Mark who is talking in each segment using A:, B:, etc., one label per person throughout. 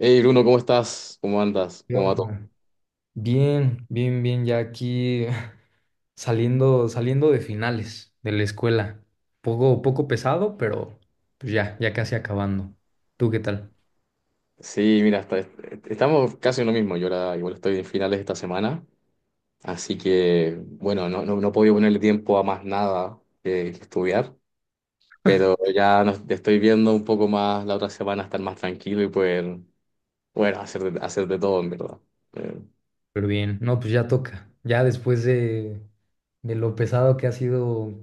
A: Hey Bruno, ¿cómo estás? ¿Cómo andas?
B: ¿Qué
A: ¿Cómo va todo?
B: onda? Bien, bien, bien, ya aquí saliendo, saliendo de finales de la escuela. Poco, poco pesado, pero pues ya, ya casi acabando. ¿Tú qué tal?
A: Sí, mira, estamos casi en lo mismo. Yo ahora igual estoy en finales esta semana, así que bueno, no, no, no he podido ponerle tiempo a más nada que estudiar, pero estoy viendo un poco más la otra semana estar más tranquilo y poder, bueno, hacer de todo en verdad. Eh,
B: Pero bien, no, pues ya toca. Ya después de lo pesado que ha sido,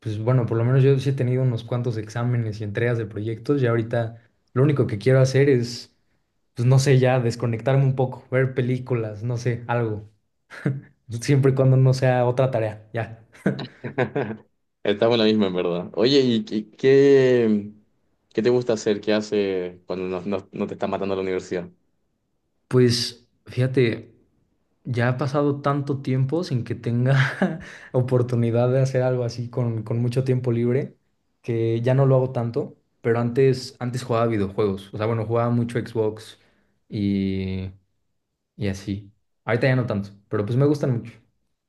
B: pues bueno, por lo menos yo sí he tenido unos cuantos exámenes y entregas de proyectos. Ya ahorita lo único que quiero hacer es, pues no sé, ya desconectarme un poco, ver películas, no sé, algo. Siempre y cuando no sea otra tarea, ya.
A: Estamos en la misma en verdad. Oye, ¿y qué te gusta hacer? ¿Qué hace cuando no te está matando la universidad?
B: Pues fíjate, ya ha pasado tanto tiempo sin que tenga oportunidad de hacer algo así con mucho tiempo libre, que ya no lo hago tanto, pero antes, antes jugaba videojuegos, o sea, bueno, jugaba mucho Xbox y, y así. Ahorita ya no tanto, pero pues me gustan mucho.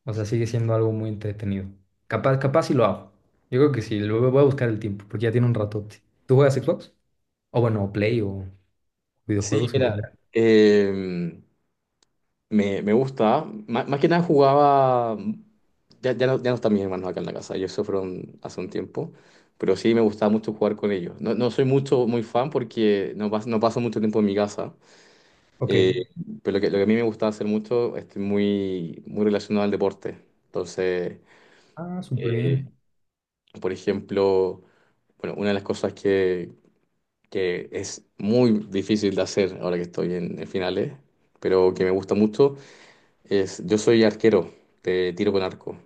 B: O sea, sigue siendo algo muy entretenido. Capaz, capaz si lo hago. Yo creo que sí, lo voy a buscar el tiempo, porque ya tiene un ratote. ¿Tú juegas Xbox? O bueno, Play o
A: Sí,
B: videojuegos en
A: mira,
B: general.
A: em, me gusta. Más que nada jugaba. Ya no, ya no están mis hermanos acá en la casa. Ellos se fueron hace un tiempo. Pero sí me gustaba mucho jugar con ellos. No, no soy mucho, muy fan porque no, no paso mucho tiempo en mi casa.
B: Ok.
A: Eh, pero lo que a mí me gustaba hacer mucho es muy, muy relacionado al deporte. Entonces,
B: Ah, súper
A: eh,
B: bien.
A: por ejemplo, bueno, una de las cosas que es muy difícil de hacer ahora que estoy en finales, pero que me gusta mucho. Es, yo soy arquero de tiro con arco.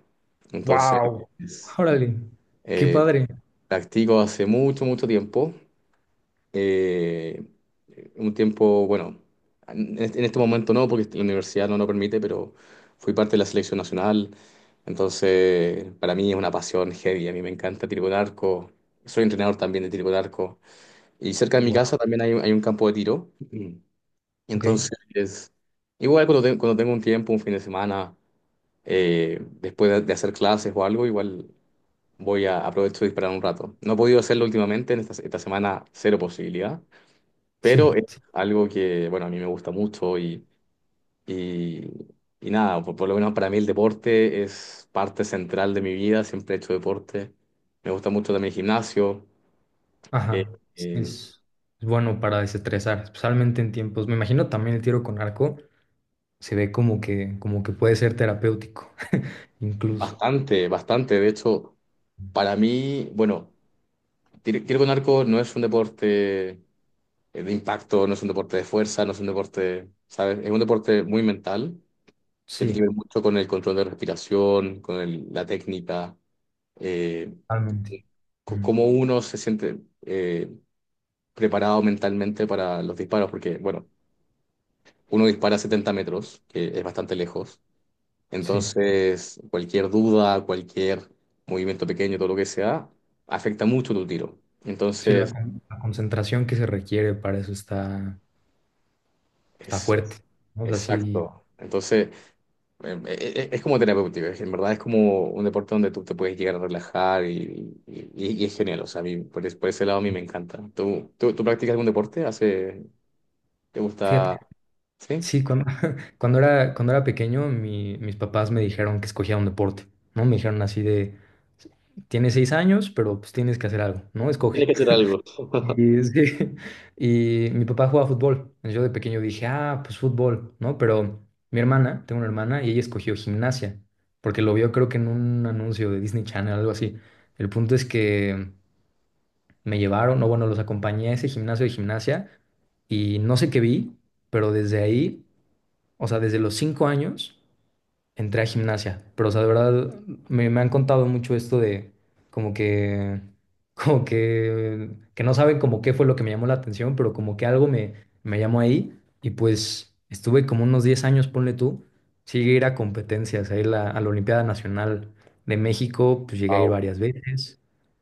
A: Entonces,
B: Wow.
A: es-
B: Órale, qué
A: eh,
B: padre.
A: practico hace mucho, mucho tiempo. Eh, un tiempo, bueno, en este momento no, porque la universidad no lo permite, pero fui parte de la selección nacional. Entonces, para mí es una pasión heavy. A mí me encanta tiro con arco. Soy entrenador también de tiro con arco. Y cerca de mi casa
B: Wow.
A: también hay un campo de tiro.
B: Ok,
A: Entonces, igual cuando, cuando tengo un tiempo, un fin de semana después de hacer clases o algo, igual voy a aprovecho de disparar un rato. No he podido hacerlo últimamente, en esta semana cero posibilidad,
B: sí,
A: pero es
B: sí,
A: algo que, bueno, a mí me gusta mucho y, y nada, por lo menos para mí el deporte es parte central de mi vida, siempre he hecho deporte. Me gusta mucho también el gimnasio, eh,
B: ajá.
A: eh,
B: Es, es bueno para desestresar, especialmente en tiempos. Me imagino también el tiro con arco se ve como que, puede ser terapéutico, incluso.
A: bastante, bastante. De hecho, para mí, bueno, tiro con arco no es un deporte de impacto, no es un deporte de fuerza, no es un deporte, ¿sabes? Es un deporte muy mental, tiene que ver
B: Sí,
A: mucho con el control de respiración, con la técnica, eh,
B: totalmente.
A: con
B: Mm,
A: cómo uno se siente eh, preparado mentalmente para los disparos, porque, bueno, uno dispara a 70 metros, que es bastante lejos,
B: sí,
A: entonces cualquier duda, cualquier movimiento pequeño, todo lo que sea, afecta mucho tu tiro.
B: sí,
A: Entonces,
B: la concentración que se requiere para eso está
A: es,
B: fuerte.
A: es-
B: ¿No? O sea, sí,
A: exacto. Entonces, Es como terapéutico, en verdad es como un deporte donde tú te puedes llegar a relajar y es genial, o sea, a mí por, por ese lado a mí me encanta. ¿Tú practicas algún deporte? ¿Hace, te gusta?
B: fíjate.
A: ¿Sí?
B: Sí, cuando era pequeño, mis papás me dijeron que escogiera un deporte, ¿no? Me dijeron así de, tienes 6 años, pero pues tienes que hacer algo, ¿no?
A: Tienes
B: Escoge.
A: que hacer algo.
B: Y, sí, y mi papá jugaba fútbol. Yo de pequeño dije, ah, pues fútbol, ¿no? Pero mi hermana, tengo una hermana, y ella escogió gimnasia, porque lo vio creo que en un anuncio de Disney Channel, algo así. El punto es que me llevaron, o bueno, los acompañé a ese gimnasio de gimnasia, y no sé qué vi, pero desde ahí... O sea, desde los 5 años entré a gimnasia, pero o sea, de verdad me han contado mucho esto de como que, como que, que no saben como qué fue lo que me llamó la atención, pero como que algo me llamó ahí y pues estuve como unos 10 años, ponle tú, sí llegué a ir a competencias, a ir a la Olimpiada Nacional de México, pues llegué a ir
A: Wow,
B: varias veces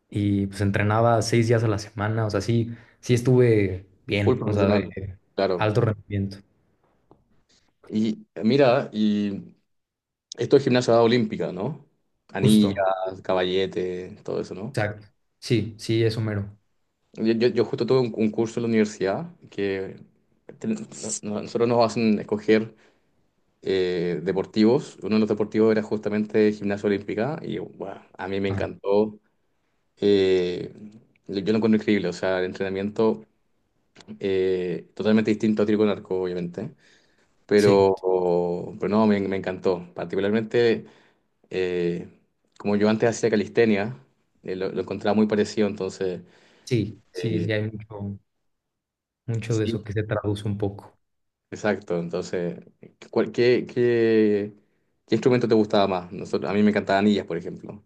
B: y pues entrenaba 6 días a la semana, o sea, sí, sí estuve
A: full
B: bien, o sea,
A: profesional,
B: de
A: claro.
B: alto rendimiento,
A: Y mira, y esto es gimnasia olímpica, ¿no? Anillas,
B: justo.
A: caballete, todo eso, ¿no?
B: Exacto. Sí, sí, es Homero.
A: Yo justo tuve un curso en la universidad que ten- no- nosotros nos hacen escoger deportivos. Uno de los deportivos era justamente gimnasia olímpica y bueno, a mí me
B: Ah,
A: encantó. Eh, yo lo encuentro increíble, o sea, el entrenamiento totalmente distinto a tiro con arco, obviamente,
B: sí,
A: pero, pero no, me encantó. Particularmente, eh, como yo antes hacía calistenia, lo encontraba muy parecido, entonces,
B: sí, sí,
A: eh,
B: sí, hay mucho, mucho de
A: sí,
B: eso que se traduce un poco.
A: exacto. Entonces, ¿cuál- qué, qué- ¿qué instrumento te gustaba más? A mí me encantaban anillas, por ejemplo.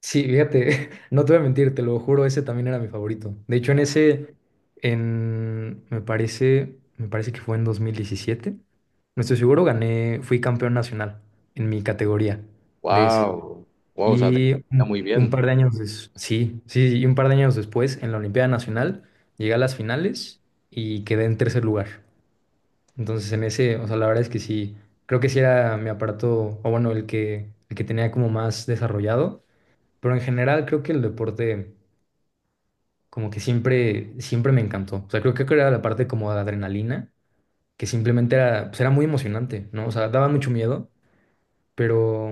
B: Sí, fíjate, no te voy a mentir, te lo juro, ese también era mi favorito. De hecho, me parece que fue en 2017, no estoy seguro, gané, fui campeón nacional en mi categoría de ese.
A: Wow, wow, o sea, te
B: Y
A: está
B: un,
A: muy
B: un
A: bien.
B: par de años sí, sí, sí, y un par de años después, en la Olimpiada Nacional, llegué a las finales y quedé en tercer lugar. Entonces en ese, o sea, la verdad es que sí, creo que sí era mi aparato, o bueno, el que tenía como más desarrollado, pero en general creo que el deporte como que siempre, siempre me encantó. O sea, creo que era la parte como de adrenalina, que simplemente era, pues era muy emocionante, ¿no? O sea, daba mucho miedo, pero,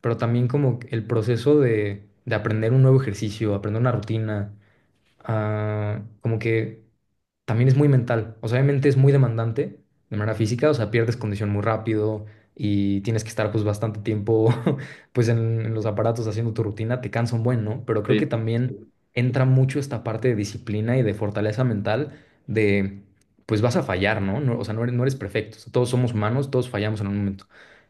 B: pero también como el proceso de aprender un nuevo ejercicio, aprender una rutina, ah, como que también es muy mental. O sea, obviamente es muy demandante de manera física, o sea, pierdes condición muy rápido y tienes que estar pues bastante tiempo pues en los aparatos haciendo tu rutina, te cansa un buen, ¿no? Pero creo que
A: Sí, sí,
B: también
A: sí.
B: entra mucho esta parte de disciplina y de fortaleza mental de pues vas a fallar, ¿no? O sea, no eres perfecto. O sea, todos somos humanos, todos fallamos en un momento.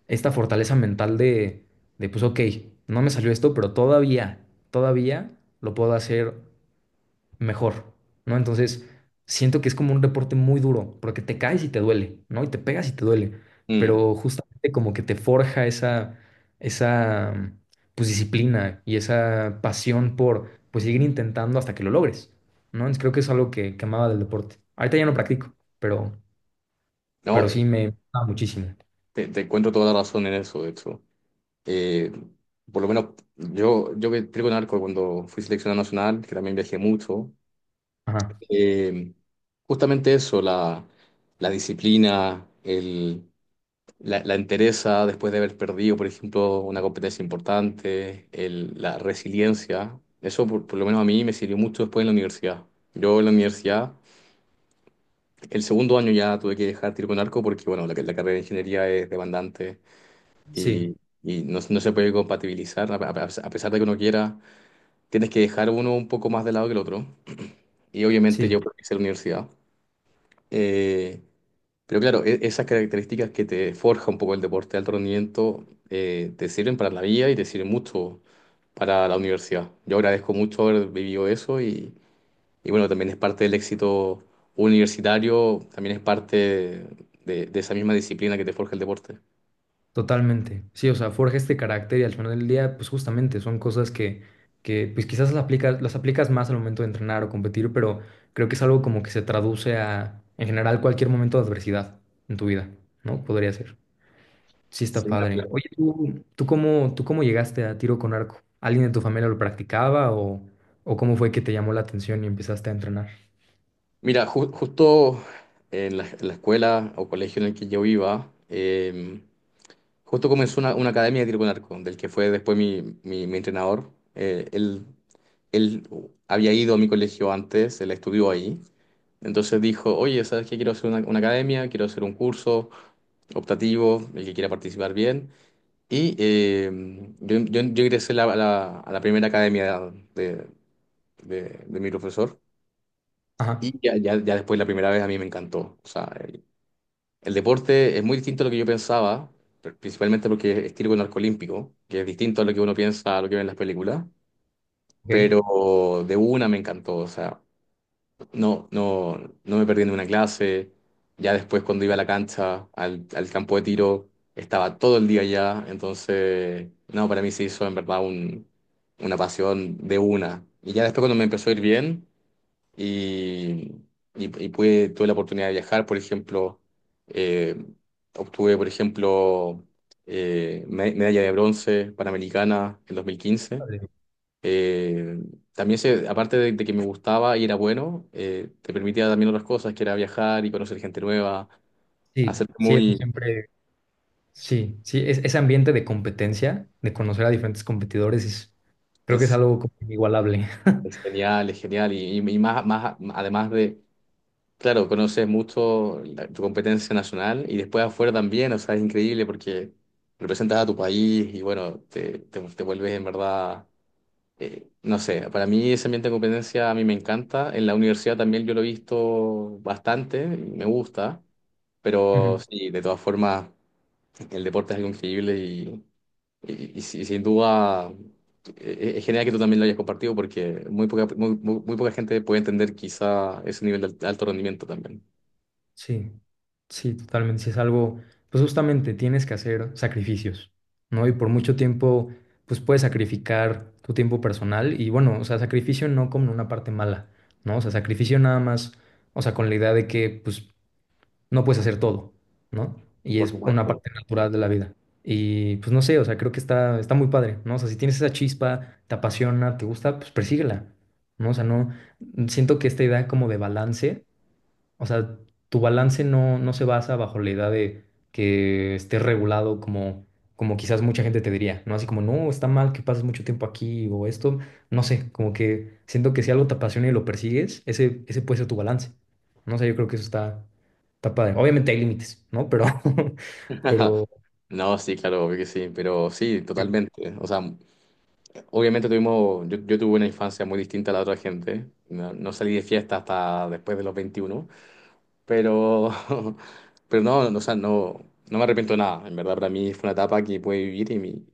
B: Esta fortaleza mental de pues ok, no me salió esto, pero todavía, todavía lo puedo hacer mejor, ¿no? Entonces, siento que es como un deporte muy duro, porque te caes y te duele, ¿no? Y te pegas y te duele,
A: Mm.
B: pero justamente como que te forja esa, pues, disciplina y esa pasión por, pues, seguir intentando hasta que lo logres, ¿no? Entonces, creo que es algo que amaba del deporte. Ahorita ya no practico, pero,
A: No,
B: pero sí me gustaba muchísimo.
A: te encuentro toda la razón en eso, de hecho. Eh, por lo menos yo, yo que trigo en arco cuando fui seleccionado nacional, que también viajé mucho,
B: Ajá,
A: eh, justamente eso, la disciplina, la entereza después de haber perdido, por ejemplo, una competencia importante, la resiliencia, eso por lo menos a mí me sirvió mucho después en la universidad. Yo en la universidad... El segundo año ya tuve que dejar tiro con arco porque, bueno, la carrera de ingeniería es demandante
B: sí,
A: y, y no, no se puede compatibilizar, a pesar de que uno quiera, tienes que dejar uno un poco más de lado que el otro. Y obviamente
B: sí.
A: yo hice la universidad. Eh, pero claro, esas características que te forja un poco el deporte de alto rendimiento te sirven para la vida y te sirven mucho para la universidad. Yo agradezco mucho haber vivido eso y bueno, también es parte del éxito universitario, también es parte de esa misma disciplina que te forja el deporte.
B: Totalmente, sí, o sea, forja este carácter y al final del día, pues justamente son cosas que pues quizás las aplicas más al momento de entrenar o competir, pero creo que es algo como que se traduce a, en general, cualquier momento de adversidad en tu vida, ¿no? Podría ser. Sí, está
A: Sí, no,
B: padre.
A: claro.
B: Oye, ¿tú cómo llegaste a tiro con arco? ¿Alguien de tu familia lo practicaba o cómo fue que te llamó la atención y empezaste a entrenar?
A: Mira, justo en en la escuela o colegio en el que yo iba, justo comenzó una academia de tiro con arco, del que fue después mi entrenador. Él, él había ido a mi colegio antes, él estudió ahí. Entonces dijo, oye, ¿sabes qué? Quiero hacer una academia, quiero hacer un curso optativo, el que quiera participar bien. Y yo ingresé a la primera academia de, de mi profesor
B: Ajá,
A: y ya después la primera vez a mí me encantó. O sea, el deporte es muy distinto a lo que yo pensaba, principalmente porque es tiro con arco olímpico, que es distinto a lo que uno piensa, a lo que ve en las películas,
B: ok.
A: pero de una me encantó. O sea, No, no, no me perdí en una clase. Ya después cuando iba a la cancha, al campo de tiro, estaba todo el día allá. Entonces, no, para mí se hizo en verdad una pasión de una. Y ya después cuando me empezó a ir bien y, y pude, tuve la oportunidad de viajar, por ejemplo, eh, obtuve, por ejemplo, medalla de bronce panamericana en 2015.
B: Padre.
A: Eh, También se, aparte de que me gustaba y era bueno, te permitía también otras cosas, que era viajar y conocer gente nueva,
B: Sí,
A: hacer
B: sí, eso
A: muy,
B: siempre... Sí, sí, ese ambiente de competencia, de conocer a diferentes competidores, creo que es
A: es,
B: algo como inigualable.
A: es genial, y más, más, además de, claro, conoces mucho tu competencia nacional y después afuera también, o sea, es increíble porque representas a tu país y bueno, te vuelves en verdad no sé, para mí ese ambiente de competencia a mí me encanta. En la universidad también yo lo he visto bastante, y me gusta, pero
B: Ujú.
A: sí, de todas formas, el deporte es algo increíble y sin duda es genial que tú también lo hayas compartido porque muy poca, muy poca gente puede entender quizá ese nivel de alto rendimiento también,
B: Sí, sí, totalmente. Sí, es algo, pues justamente tienes que hacer sacrificios, ¿no? Y por mucho tiempo, pues puedes sacrificar tu tiempo personal y bueno, o sea, sacrificio no como una parte mala, ¿no? O sea, sacrificio nada más, o sea, con la idea de que, pues, no puedes hacer todo, ¿no? Y
A: por
B: es una
A: supuesto.
B: parte natural de la vida. Y pues no sé, o sea, creo que está muy padre, ¿no? O sea, si tienes esa chispa, te apasiona, te gusta, pues persíguela, ¿no? O sea, no, siento que esta idea como de balance. O sea, tu balance no, no se basa bajo la idea de que esté regulado como quizás mucha gente te diría, ¿no? Así como, no, está mal que pases mucho tiempo aquí o esto, no sé, como que siento que si algo te apasiona y lo persigues, ese puede ser tu balance. No sé, yo creo que eso está padre. Obviamente hay límites, ¿no? Pero, pero
A: No, sí, claro, obvio que sí, pero sí, totalmente. O sea, Obviamente tuvimos, yo tuve una infancia muy distinta a la otra gente. No, no salí de fiesta hasta después de los 21 pero, pero no, no, o sea, no, no me arrepiento de nada. En verdad, para mí fue una etapa que pude vivir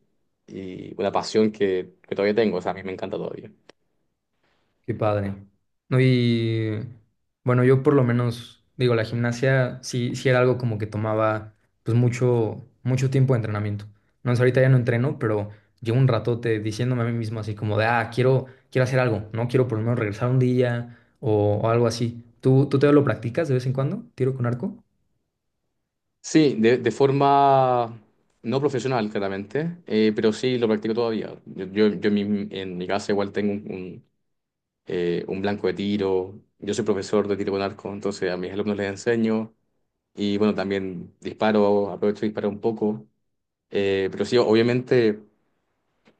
A: y una pasión que todavía tengo. O sea, a mí me encanta todavía.
B: qué padre. No, y bueno, yo por lo menos, digo, la gimnasia sí, sí era algo como que tomaba pues mucho, mucho tiempo de entrenamiento. No, o sea, ahorita ya no entreno, pero llevo un ratote diciéndome a mí mismo así como de, ah, quiero, quiero hacer algo, ¿no? Quiero por lo menos regresar un día o algo así. ¿Tú te lo practicas de vez en cuando? ¿Tiro con arco?
A: Sí, de forma no profesional, claramente, pero sí lo practico todavía. Yo en mi casa igual tengo un blanco de tiro. Yo soy profesor de tiro con arco, entonces a mis alumnos les enseño. Y bueno, también disparo, aprovecho y disparo un poco. Pero sí, obviamente,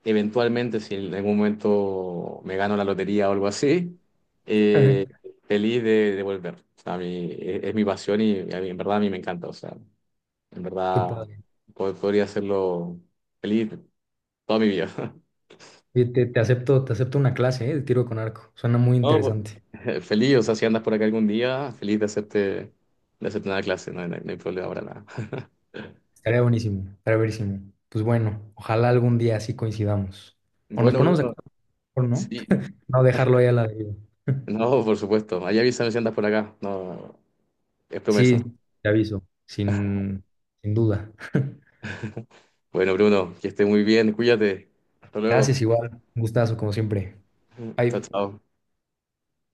A: eventualmente, si en algún momento me gano la lotería o algo así, eh, feliz de volver. O sea, a mí, es mi pasión y a mí, en verdad a mí me encanta. O sea, en
B: Qué
A: verdad
B: padre.
A: podría hacerlo feliz toda mi vida.
B: Oye, te acepto una clase, ¿eh? De tiro con arco. Suena muy
A: No,
B: interesante.
A: pues, feliz, o sea, si andas por acá algún día, feliz de hacerte una clase, no hay problema para nada.
B: Estaría buenísimo, estaría buenísimo. Pues bueno, ojalá algún día así coincidamos. O nos
A: Bueno,
B: ponemos de
A: Bruno,
B: acuerdo, mejor, ¿no?
A: sí.
B: No dejarlo ahí a la deriva.
A: No, por supuesto. Ahí avísame si andas por acá. No, es
B: Sí,
A: promesa.
B: te aviso, sin duda.
A: Bueno, Bruno, que esté muy bien. Cuídate. Hasta luego.
B: Gracias igual, un gustazo como siempre.
A: Chao,
B: Bye.
A: chao.